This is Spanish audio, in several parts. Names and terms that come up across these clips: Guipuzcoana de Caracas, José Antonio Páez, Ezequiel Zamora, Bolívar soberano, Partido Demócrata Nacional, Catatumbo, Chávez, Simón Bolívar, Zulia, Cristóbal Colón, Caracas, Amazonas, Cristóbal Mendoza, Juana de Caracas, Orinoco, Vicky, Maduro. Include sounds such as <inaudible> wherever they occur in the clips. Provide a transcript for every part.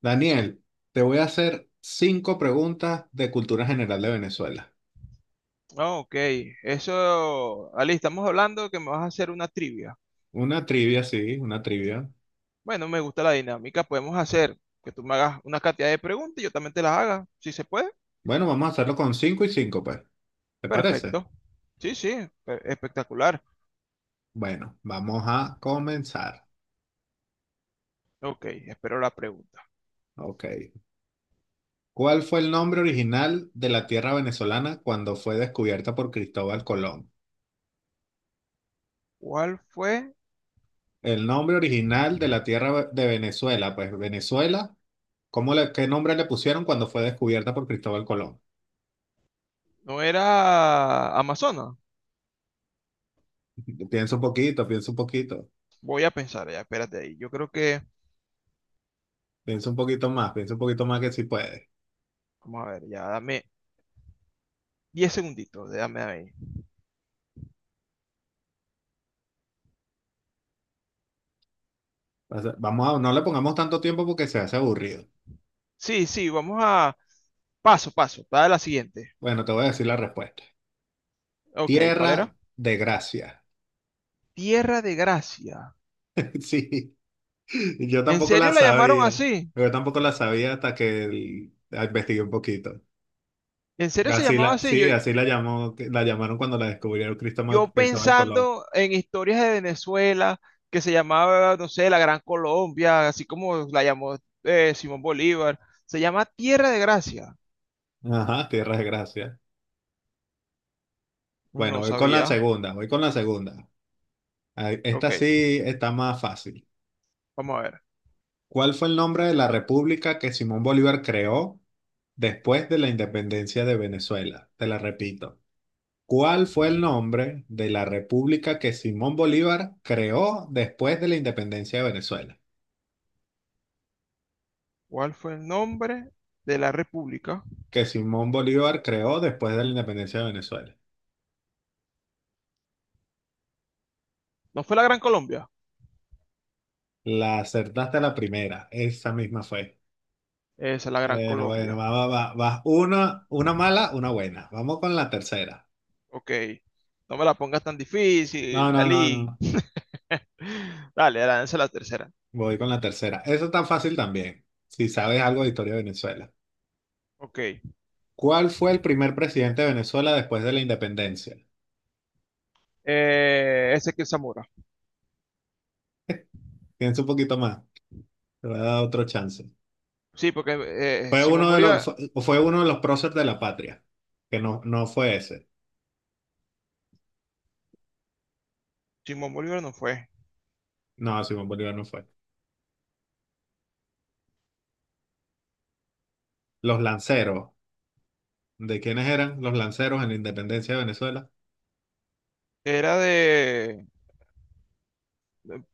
Daniel, te voy a hacer cinco preguntas de cultura general de Venezuela. Ah, ok, eso, Ali, estamos hablando que me vas a hacer una trivia. Una trivia, sí, una trivia. Bueno, me gusta la dinámica, podemos hacer que tú me hagas una cantidad de preguntas y yo también te las haga, si se puede. Bueno, vamos a hacerlo con cinco y cinco, pues. ¿Te parece? Perfecto. Sí, sí, espectacular. Bueno, vamos a comenzar. Ok, espero la pregunta. Ok. ¿Cuál fue el nombre original de la tierra venezolana cuando fue descubierta por Cristóbal Colón? ¿Cuál fue? El nombre original de la tierra de Venezuela, pues Venezuela, ¿qué nombre le pusieron cuando fue descubierta por Cristóbal Colón? No era Amazonas. <laughs> Piensa un poquito, piensa un poquito. Voy a pensar, ya, espérate ahí. Yo creo que, Piensa un poquito más, piensa un poquito más que si puedes. vamos a ver, ya, dame 10 segunditos, dame ahí. O sea, no le pongamos tanto tiempo porque se hace aburrido. Sí, sí, vamos a, paso, paso, para la siguiente. Bueno, te voy a decir la respuesta. Ok, Tierra ¿cuál era? de Gracia. Tierra de Gracia. <laughs> Sí, yo ¿En tampoco serio la la llamaron sabía. así? Yo tampoco la sabía hasta que la investigué un poquito. ¿En serio se Así llamaba la, así? sí, Yo, así la llamaron cuando la descubrieron yo Cristóbal Colón. pensando en historias de Venezuela, que se llamaba, no sé, la Gran Colombia, así como la llamó Simón Bolívar. Se llama Tierra de Gracia. Ajá, tierra de gracia. Bueno, No voy con la sabía. segunda, voy con la segunda. Ay, esta Ok, sí está más fácil. vamos a ver. ¿Cuál fue el nombre de la república que Simón Bolívar creó? Después de la independencia de Venezuela, te la repito, ¿cuál fue el nombre de la república que Simón Bolívar creó después de la independencia de Venezuela? ¿Cuál fue el nombre de la república? Que Simón Bolívar creó después de la independencia de Venezuela. ¿No fue la Gran Colombia? La acertaste a la primera, esa misma fue. Esa es la Gran Bueno, bueno, Colombia. va, va, va, va. Una mala, una buena. Vamos con la tercera. Ok. No me la pongas tan No, difícil, no, no, Dalí. no. <laughs> Dale, lánzala la tercera. Voy con la tercera. Eso tan fácil también, si sabes algo de historia de Venezuela. Ok. ¿Cuál fue el primer presidente de Venezuela después de la independencia? Ezequiel Zamora. Piensa un poquito más, te voy a dar otro chance. Sí, porque Fue Simón uno de los, Bolívar, fue, fue uno de los próceres de la patria, que no, no fue ese. Simón Bolívar no fue. No, Simón Bolívar no fue. Los lanceros, ¿de quiénes eran los lanceros en la independencia de Venezuela? Era de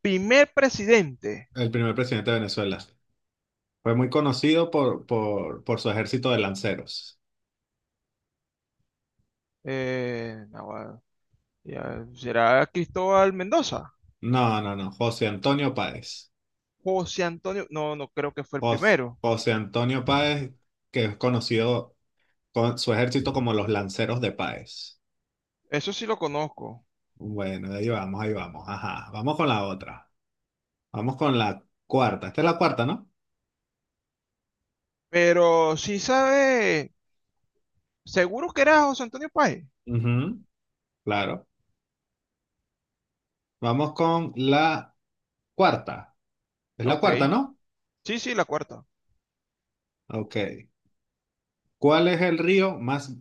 primer presidente. El primer presidente de Venezuela. Fue muy conocido por su ejército de lanceros. No, bueno, ya, ¿será Cristóbal Mendoza? No, no, no, José Antonio Páez. José Antonio. No, no creo que fue el primero. José Antonio Páez, que es conocido con su ejército como los lanceros de Páez. Eso sí lo conozco. Bueno, ahí vamos, ahí vamos. Ajá, vamos con la otra. Vamos con la cuarta. Esta es la cuarta, ¿no? Pero sí sabe. Seguro que era José Antonio Páez. Ujú, claro. Vamos con la cuarta. Es la Ok. cuarta, ¿no? Sí, sí, la cuarta. Ok. ¿Cuál es el río más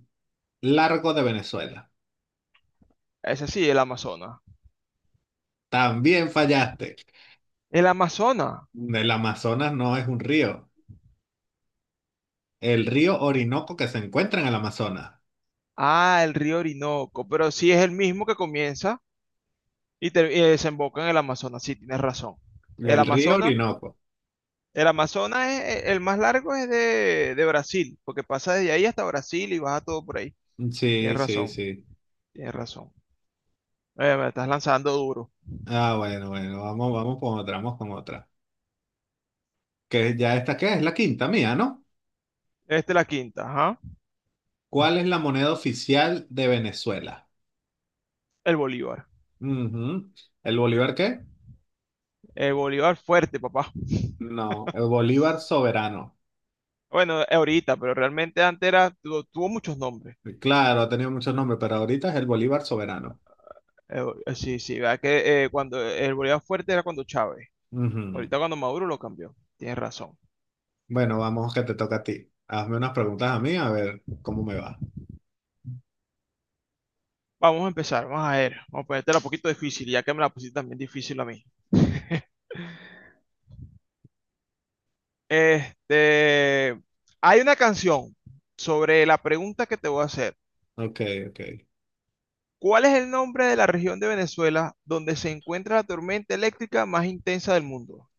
largo de Venezuela? Ese sí, el Amazonas. También fallaste. El Amazonas. El Amazonas no es un río. El río Orinoco que se encuentra en el Amazonas. Ah, el río Orinoco. Pero sí es el mismo que comienza y, y desemboca en el Amazonas. Sí, tienes razón. El El río Amazonas. Orinoco. El Amazonas es, e, el más largo es de Brasil, porque pasa desde ahí hasta Brasil y baja todo por ahí. Sí, Tienes sí, razón, sí. tienes razón. Me estás lanzando duro. Ah, bueno, bueno. Vamos, vamos con otra, vamos con otra. Que ya esta, ¿qué es? La quinta mía, ¿no? Este es la quinta, ajá. ¿Cuál es la moneda oficial de Venezuela? El Bolívar. Ujú. ¿El Bolívar qué? El Bolívar fuerte, papá. No, el Bolívar soberano. Bueno, ahorita, pero realmente antes era, tuvo muchos nombres. Claro, ha tenido muchos nombres, pero ahorita es el Bolívar soberano. Sí, sí, verdad que cuando el Bolívar fuerte era cuando Chávez. Ujú. Ahorita cuando Maduro lo cambió. Tienes razón. Bueno, vamos que te toca a ti. Hazme unas preguntas a mí, a ver cómo me va. Vamos a empezar, vamos a ver. Vamos a ponértela un poquito difícil, ya que me la pusiste también difícil a mí. <laughs> Este, hay una canción sobre la pregunta que te voy a hacer. Ok, ok. ¿Cuál es el nombre de la región de Venezuela donde se encuentra la tormenta eléctrica más intensa del mundo?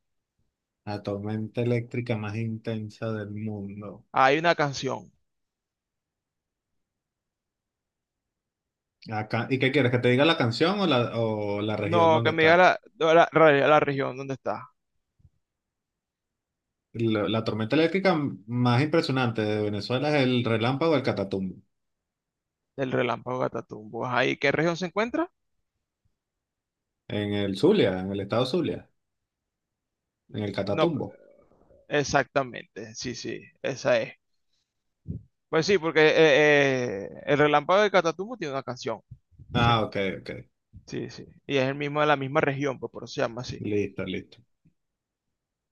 La tormenta eléctrica más intensa del mundo. Hay una canción. Acá, ¿y qué quieres? ¿Que te diga la canción o la, región No, donde que me diga está? la, no, la región donde está, La tormenta eléctrica más impresionante de Venezuela es el relámpago del Catatumbo. del relámpago Catatumbo. Ahí, ¿qué región se encuentra? En el Zulia, en el estado Zulia, en el No, Catatumbo. exactamente. Sí, sí, esa es. Pues sí, porque el relámpago de Catatumbo tiene una canción. Ah, <laughs> ok, ok. Sí, sí. Y es el mismo de la misma región, pues por eso se llama así. Listo, listo.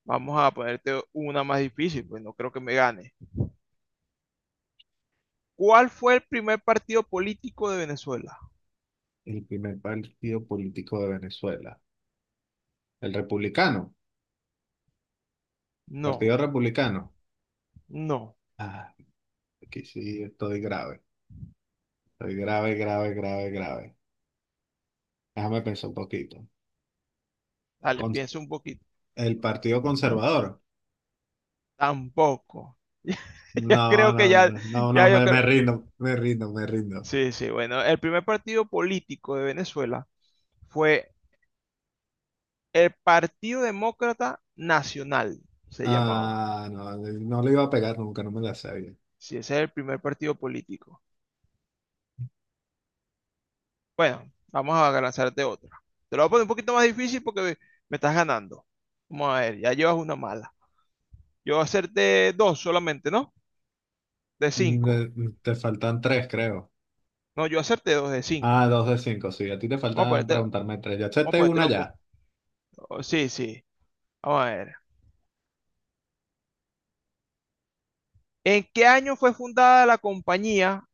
Vamos a ponerte una más difícil, pues no creo que me gane. ¿Cuál fue el primer partido político de Venezuela? El primer partido político de Venezuela. El republicano. No, Partido republicano. no. Ah, aquí sí estoy grave. Estoy grave, grave, grave, grave. Déjame pensar un poquito. Dale, Con- piensa un poquito. el partido conservador. Tampoco. <laughs> Ya No, creo no, que ya, no, no, no, ya yo me creo. rindo, me rindo, me rindo. Sí, sí, bueno, el primer partido político de Venezuela fue el Partido Demócrata Nacional, se llamaba. Ah, no, no le iba a pegar nunca, no me la sabía. Sí, ese es el primer partido político. Bueno, vamos a lanzarte otra. Te lo voy a poner un poquito más difícil porque me estás ganando. Vamos a ver, ya llevas una mala. Yo acerté dos solamente, ¿no? De cinco. Me- te faltan tres, creo. No, yo acerté dos de Ah, cinco. dos de cinco, sí. A ti te Vamos a faltan ponértelo, preguntarme tres. Ya vamos a acepté una ponértelo un ya. poco. Sí, sí. Vamos a ver. ¿En qué año fue fundada la compañía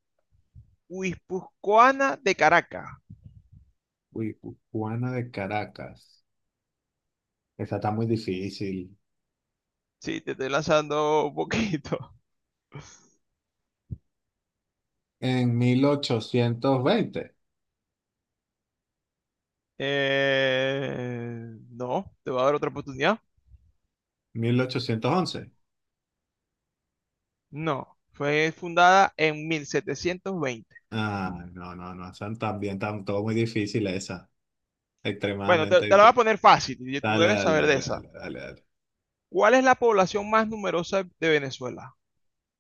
Guipuzcoana de Caracas? Uy, Juana de Caracas. Esa está muy difícil. Sí, te estoy lanzando un poquito. <laughs> En mil ochocientos veinte Eh, no, te voy a dar otra oportunidad. 1811. No, fue fundada en 1720. Ah, no, no, no, están también tan, todo muy difícil esa, Bueno, te, extremadamente te la voy a difícil. poner fácil y tú Dale, debes dale, saber de dale, esa. dale, dale, dale. ¿Cuál es la población más numerosa de Venezuela?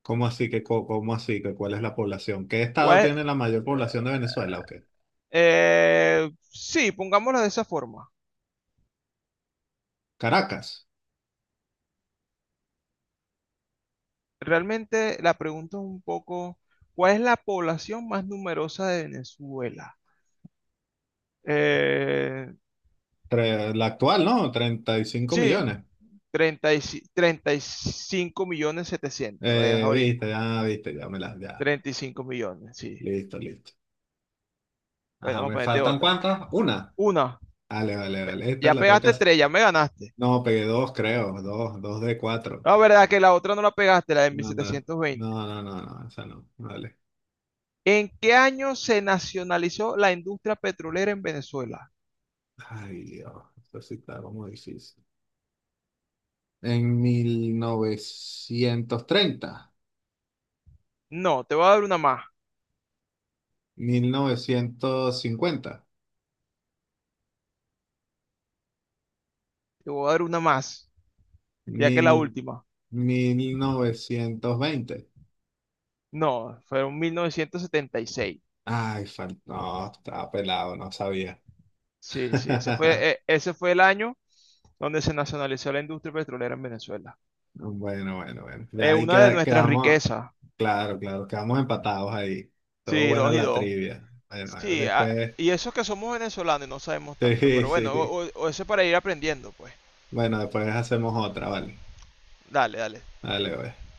¿Cómo así que, cuál es la población? ¿Qué estado ¿Cuál es- tiene la mayor población de Venezuela? ¿O qué? Sí, pongámoslo de esa forma. Caracas. Realmente la pregunta es un poco, ¿cuál es la población más numerosa de Venezuela? Eh, La actual, ¿no? treinta y cinco sí, millones. 35 millones setecientos es Eh, ahorita. viste, ya, viste, ya me las, ya. 35 millones, sí. Listo, listo. Bueno, Ajá, vamos a ¿me ponerte faltan otra. cuántas? Una. Una, Dale vale, vale. Esta ya la tengo que pegaste hacer. tres, ya me ganaste. No, pegué dos, creo. Dos de cuatro. La verdad que la otra no la pegaste, la de mil No, no, setecientos veinte. no, no, no, no, esa no. Vale. ¿En qué año se nacionalizó la industria petrolera en Venezuela? Ay, Dios. Eso sí está como difícil. En 1930 No, te voy a dar una más. mil, novecientos cincuenta Te voy a dar una más, ya que la mil última. mil novecientos veinte. No, fueron 1976. Ay, no, estaba pelado, no sabía. Sí, sí, ese fue, <laughs> ese fue el año donde se nacionalizó la industria petrolera en Venezuela. Bueno, bueno, bueno. Ya ahí Una de nuestras quedamos. riquezas. Claro, claro, quedamos empatados ahí. Todo Sí, buena dos y la dos. trivia. Bueno, Sí, ah, después. y eso que somos venezolanos y no sabemos <laughs> tanto. Sí, Pero bueno, sí. O eso para ir aprendiendo, pues. Bueno, después hacemos otra, vale. Dale, dale. Dale, pues.